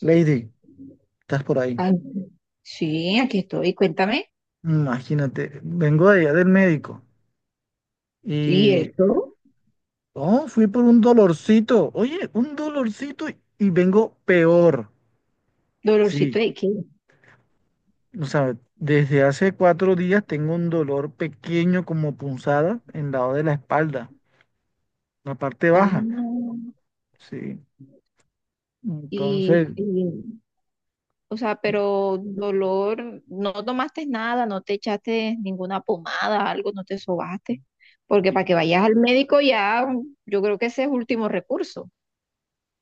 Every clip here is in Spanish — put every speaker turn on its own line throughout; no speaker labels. Lady, estás por ahí.
Ay, sí, aquí estoy, cuéntame.
Imagínate, vengo de allá del médico
Sí,
y
eso,
oh, fui por un dolorcito. Oye, un dolorcito y vengo peor. Sí,
dolorcito de qué.
o sea, desde hace 4 días tengo un dolor pequeño como punzada en el lado de la espalda, la parte
Ah,
baja. Sí, entonces.
y, y, o sea, pero dolor, no tomaste nada, no te echaste ninguna pomada, algo, no te sobaste, porque para que vayas al médico ya, yo creo que ese es último recurso.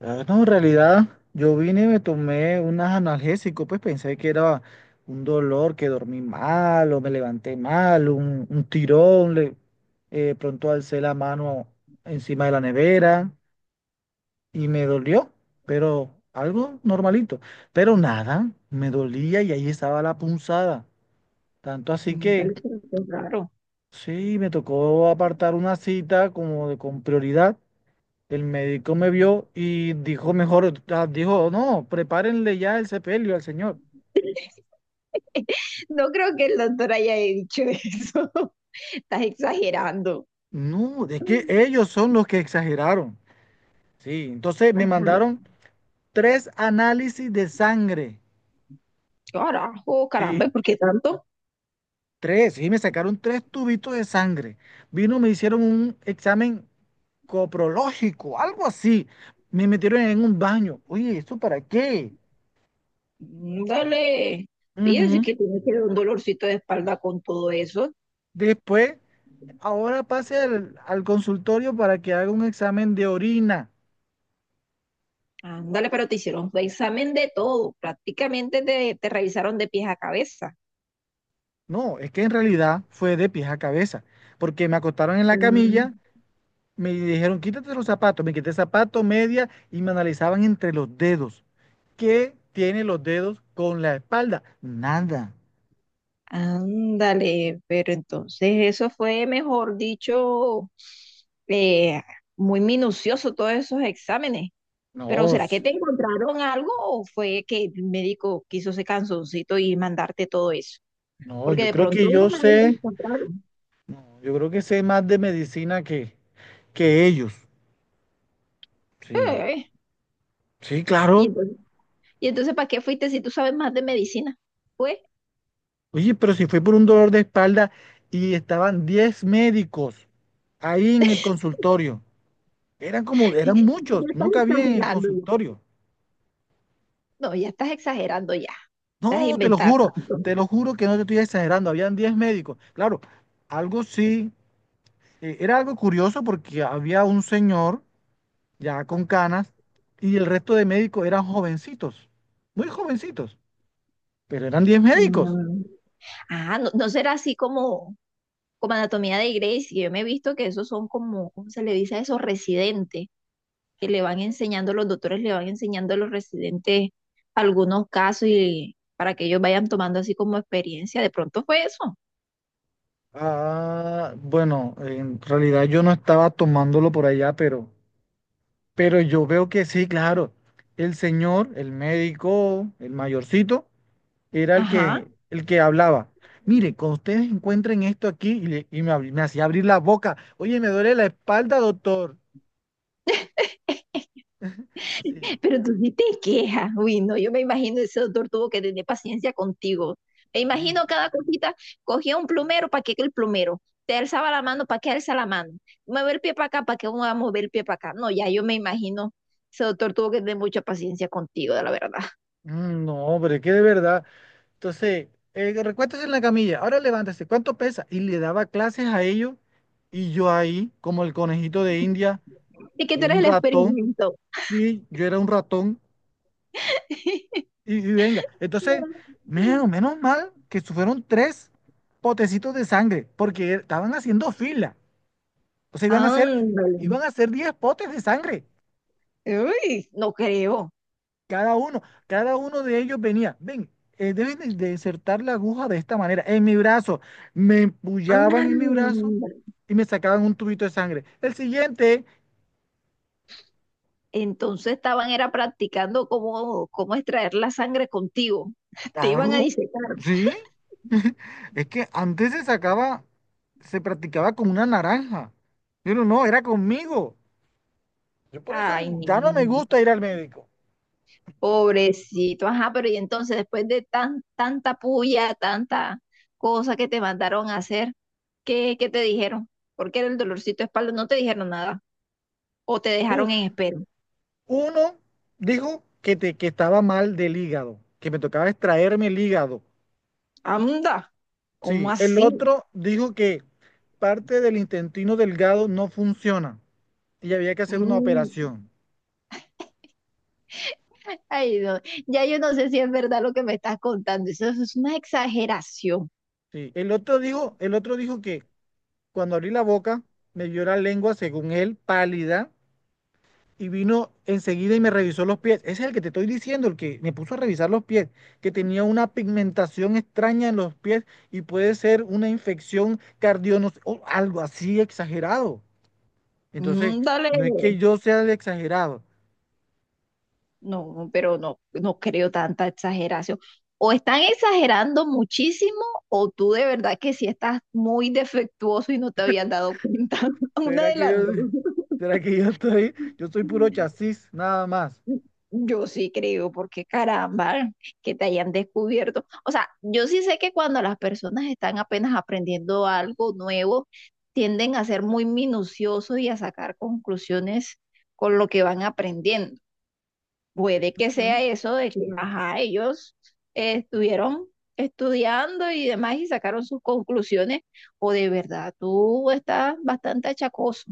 Ah, no, en realidad yo vine y me tomé unas analgésicos, pues pensé que era un dolor, que dormí mal o me levanté mal, un tirón, pronto alcé la mano encima de la nevera y me dolió, pero algo normalito, pero nada, me dolía y ahí estaba la punzada, tanto así
Mm,
que
vale, pero qué raro.
sí, me tocó apartar una cita como de, con prioridad. El médico me vio y dijo mejor, dijo, no, prepárenle ya el sepelio al señor.
No creo que el doctor haya dicho eso. Estás exagerando.
No, es que ellos son los que exageraron. Sí, entonces me
Ajá.
mandaron tres análisis de sangre.
Carajo, caramba,
Sí,
¿por qué tanto?
tres, sí, me sacaron tres tubitos de sangre. Vino, me hicieron un examen coprológico, algo así. Me metieron en un baño. Oye, ¿esto para qué?
Mm, dale. Oye, sí
Ujú.
que tienes que dar un dolorcito de espalda con todo eso.
Después, ahora pase al consultorio para que haga un examen de orina.
Ándale, pero te hicieron un examen de todo. Prácticamente te revisaron de pies a cabeza.
No, es que en realidad fue de pies a cabeza, porque me acostaron en la camilla,
Mm,
me dijeron, quítate los zapatos, me quité zapato, media y me analizaban entre los dedos. ¿Qué tiene los dedos con la espalda? Nada.
ándale, pero entonces eso fue, mejor dicho, eh, muy minucioso todos esos exámenes. Pero
No,
¿será que te encontraron algo o fue que el médico quiso ese canzoncito y mandarte todo eso?
no,
Porque
yo
de
creo
pronto
que yo
unos ahí los
sé,
encontraron.
no, yo creo que sé más de medicina que ellos. Sí,
Eh,
sí,
Y
claro.
entonces, y entonces, ¿para qué fuiste si tú sabes más de medicina? Pues,
Oye, pero si fue por un dolor de espalda y estaban 10 médicos ahí en el consultorio. Eran como,
ya
eran muchos,
estás
no cabía en el
exagerando ya.
consultorio.
No, ya estás exagerando ya. Estás
No,
inventando.
te lo juro que no te estoy exagerando, habían 10 médicos. Claro, algo sí, era algo curioso porque había un señor ya con canas y el resto de médicos eran jovencitos, muy jovencitos, pero eran 10 médicos.
Mm. Ah, no, no será así como, como anatomía de Grey, que yo me he visto que esos son como, ¿cómo se le dice a esos residentes? Que le van enseñando, los doctores le van enseñando a los residentes algunos casos y para que ellos vayan tomando así como experiencia. De pronto fue eso.
Ah, bueno, en realidad yo no estaba tomándolo por allá, pero yo veo que sí, claro, el señor, el médico, el mayorcito era el
Ajá.
que, el que hablaba. Mire, cuando ustedes encuentren esto aquí, y, me hacía abrir la boca. Oye, me duele la espalda, doctor. Sí,
Pero tú sí te quejas, uy, no, yo me imagino ese doctor tuvo que tener paciencia contigo. Me
sí.
imagino cada cosita, cogía un plumero, ¿para qué que el plumero? Te alzaba la mano, ¿para qué alza la mano? Mueve el pie para acá, ¿para qué uno va a mover el pie para acá? No, ya yo me imagino, ese doctor tuvo que tener mucha paciencia contigo, de la verdad.
Mm, no, hombre, que de verdad. Entonces, recuéstese en la camilla, ahora levántese, ¿cuánto pesa? Y le daba clases a ellos, y yo ahí, como el conejito de India,
Y que tú eres
un
el
ratón,
experimento.
y yo era un ratón, y venga. Entonces, menos mal que fueron tres potecitos de sangre, porque estaban haciendo fila. O sea, iban a ser,
Ándale.
iban a ser 10 potes de sangre,
Uy, no creo.
cada uno. Cada uno de ellos venía, ven, deben de insertar la aguja de esta manera, en mi brazo. Me empullaban en mi brazo
Ándale.
y me sacaban un tubito de sangre. El siguiente,
Entonces estaban era practicando cómo, cómo extraer la sangre contigo. Te iban a
claro,
disecar.
sí. Es que antes se sacaba, se practicaba con una naranja. Pero no, era conmigo. Yo por eso
Ay,
ya no me
niño,
gusta ir al médico.
pobrecito, ajá, pero y entonces después de tan, tanta puya, tanta cosa que te mandaron a hacer, ¿qué, qué te dijeron? Porque era el dolorcito de espalda, no te dijeron nada, o te dejaron
Uf.
en espera.
Uno dijo que, te, que estaba mal del hígado, que me tocaba extraerme el hígado.
Anda, ¿cómo
Sí, el
así?
otro dijo que parte del intestino delgado no funciona y había que hacer una
Mm,
operación.
ay, no, ya yo no sé si es verdad lo que me estás contando, eso, es una exageración.
Sí, el otro dijo que cuando abrí la boca me vio la lengua, según él, pálida y vino enseguida y me revisó los pies. Ese es el que te estoy diciendo, el que me puso a revisar los pies, que tenía una pigmentación extraña en los pies y puede ser una infección cardionos o algo así exagerado. Entonces,
Mm, dale.
no es que yo sea el exagerado.
No, pero no, no creo tanta exageración. O están exagerando muchísimo, o tú de verdad que sí estás muy defectuoso y no te habías dado cuenta. Una
¿Será
de
que
las dos.
yo, será que yo estoy, yo soy puro chasis, nada más?
Yo sí creo, porque caramba, que te hayan descubierto. O sea, yo sí sé que cuando las personas están apenas aprendiendo algo nuevo, tienden a ser muy minuciosos y a sacar conclusiones con lo que van aprendiendo. Puede que sea
¿Mm?
eso de que, ajá, ellos estuvieron estudiando y demás y sacaron sus conclusiones, o de verdad tú estás bastante achacoso.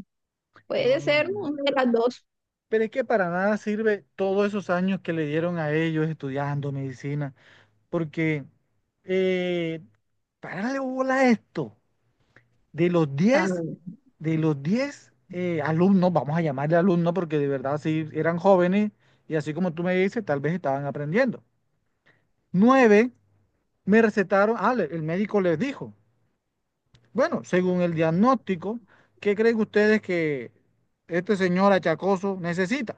No,
Puede
no,
ser
no.
una de las dos.
Pero es que para nada sirve todos esos años que le dieron a ellos estudiando medicina. Porque eh, pararle bola a esto, de los
Ah,
10, de los 10 alumnos, vamos a llamarle alumnos porque de verdad sí eran jóvenes y así como tú me dices, tal vez estaban aprendiendo. Nueve me recetaron, el médico les dijo, bueno, según el diagnóstico, ¿qué creen ustedes que este señor achacoso necesita?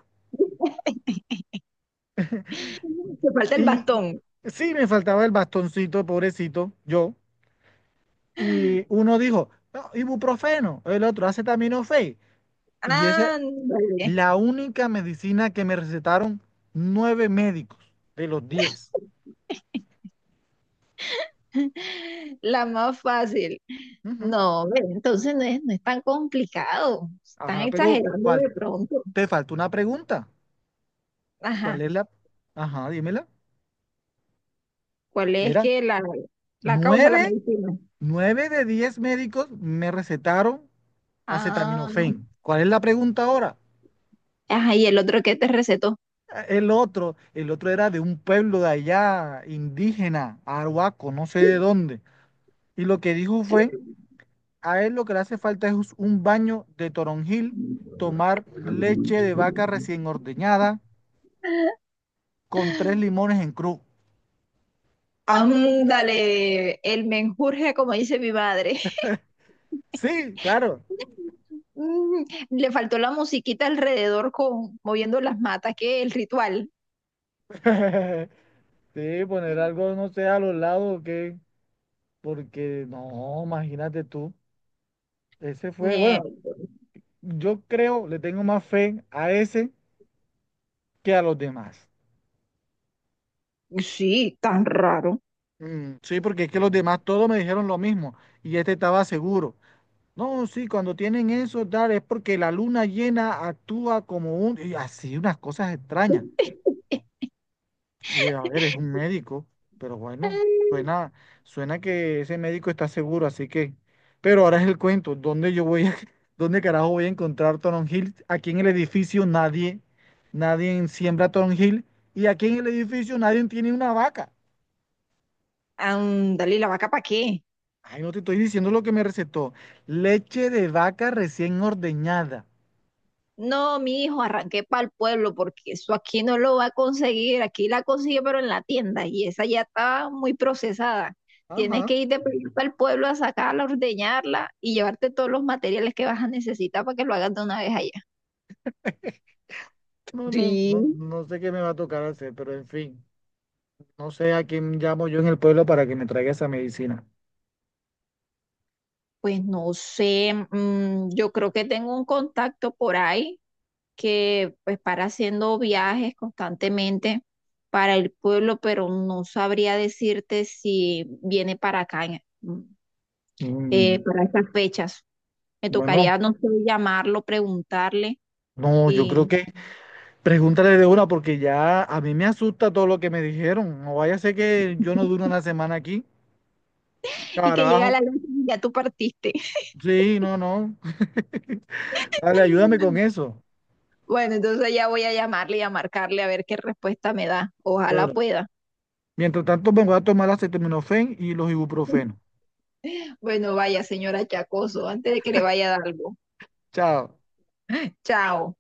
te falta el
Y
bastón.
sí, me faltaba el bastoncito, pobrecito, yo. Y uno dijo, "No, ibuprofeno", el otro acetaminofén. Y esa es
Ándale,
la única medicina que me recetaron nueve médicos de los 10.
la más fácil.
Ujú.
No, ve, entonces no es, no es tan complicado. Están
Ajá, pero
exagerando
¿cuál?
de pronto.
Te faltó una pregunta. ¿Cuál
Ajá.
es la? Ajá, dímela.
¿Cuál es
Era
que la causa, la
nueve,
medicina?
nueve de 10 médicos me recetaron
Ah,
acetaminofén. ¿Cuál es la pregunta ahora?
ajá, y el otro que te recetó.
El otro era de un pueblo de allá, indígena, arhuaco, no sé de dónde. Y lo que dijo fue, a él lo que le hace falta es un baño de toronjil, tomar leche de vaca recién ordeñada con tres limones en cruz.
Ándale, el menjurje, como dice mi madre.
Sí, claro.
Mm, le faltó la musiquita alrededor con moviendo las matas, que el ritual.
Sí, poner algo, no sé, a los lados, que, porque no, imagínate tú. Ese fue,
Nie-
bueno, yo creo, le tengo más fe a ese que a los demás.
Sí, tan raro.
Mm, sí, porque es que los demás todos me dijeron lo mismo y este estaba seguro. No, sí, cuando tienen eso, Dar, es porque la luna llena actúa como un... Y así, unas cosas extrañas. Y, a ver, es un médico, pero bueno,
Mm,
suena, suena que ese médico está seguro, así que... Pero ahora es el cuento, ¿dónde yo voy a...? ¿Dónde carajo voy a encontrar Toron Hill? Aquí en el edificio nadie, nadie siembra Toron Hill y aquí en el edificio nadie tiene una vaca.
ándale, ¿y la vaca para qué?
Ay, no te estoy diciendo lo que me recetó. Leche de vaca recién ordeñada.
No, mi hijo, arranqué para el pueblo porque eso aquí no lo va a conseguir. Aquí la consigue, pero en la tienda y esa ya está muy procesada. Tienes
Ajá.
que ir de para el pueblo a sacarla, ordeñarla y llevarte todos los materiales que vas a necesitar para que lo hagas de una vez allá.
No, no, no,
Sí.
no sé qué me va a tocar hacer, pero en fin, no sé a quién llamo yo en el pueblo para que me traiga esa medicina.
Pues no sé, mm, yo creo que tengo un contacto por ahí que pues para haciendo viajes constantemente para el pueblo, pero no sabría decirte si viene para acá en- mm,
Mm,
para estas fechas. Me
bueno,
tocaría, no sé, llamarlo, preguntarle
no, yo creo
y,
que pregúntale de una porque ya a mí me asusta todo lo que me dijeron. No vaya a ser que yo no dure una semana aquí.
y que llega
Carajo.
la noche y ya tú partiste.
Sí, no, no. Dale, ayúdame con eso.
Bueno, entonces ya voy a llamarle y a marcarle a ver qué respuesta me da. Ojalá
Bueno,
pueda.
mientras tanto me voy a tomar la acetaminofén y los ibuprofenos.
Bueno, vaya, señora Chacoso, antes de que le vaya a dar algo.
Chao.
Chao.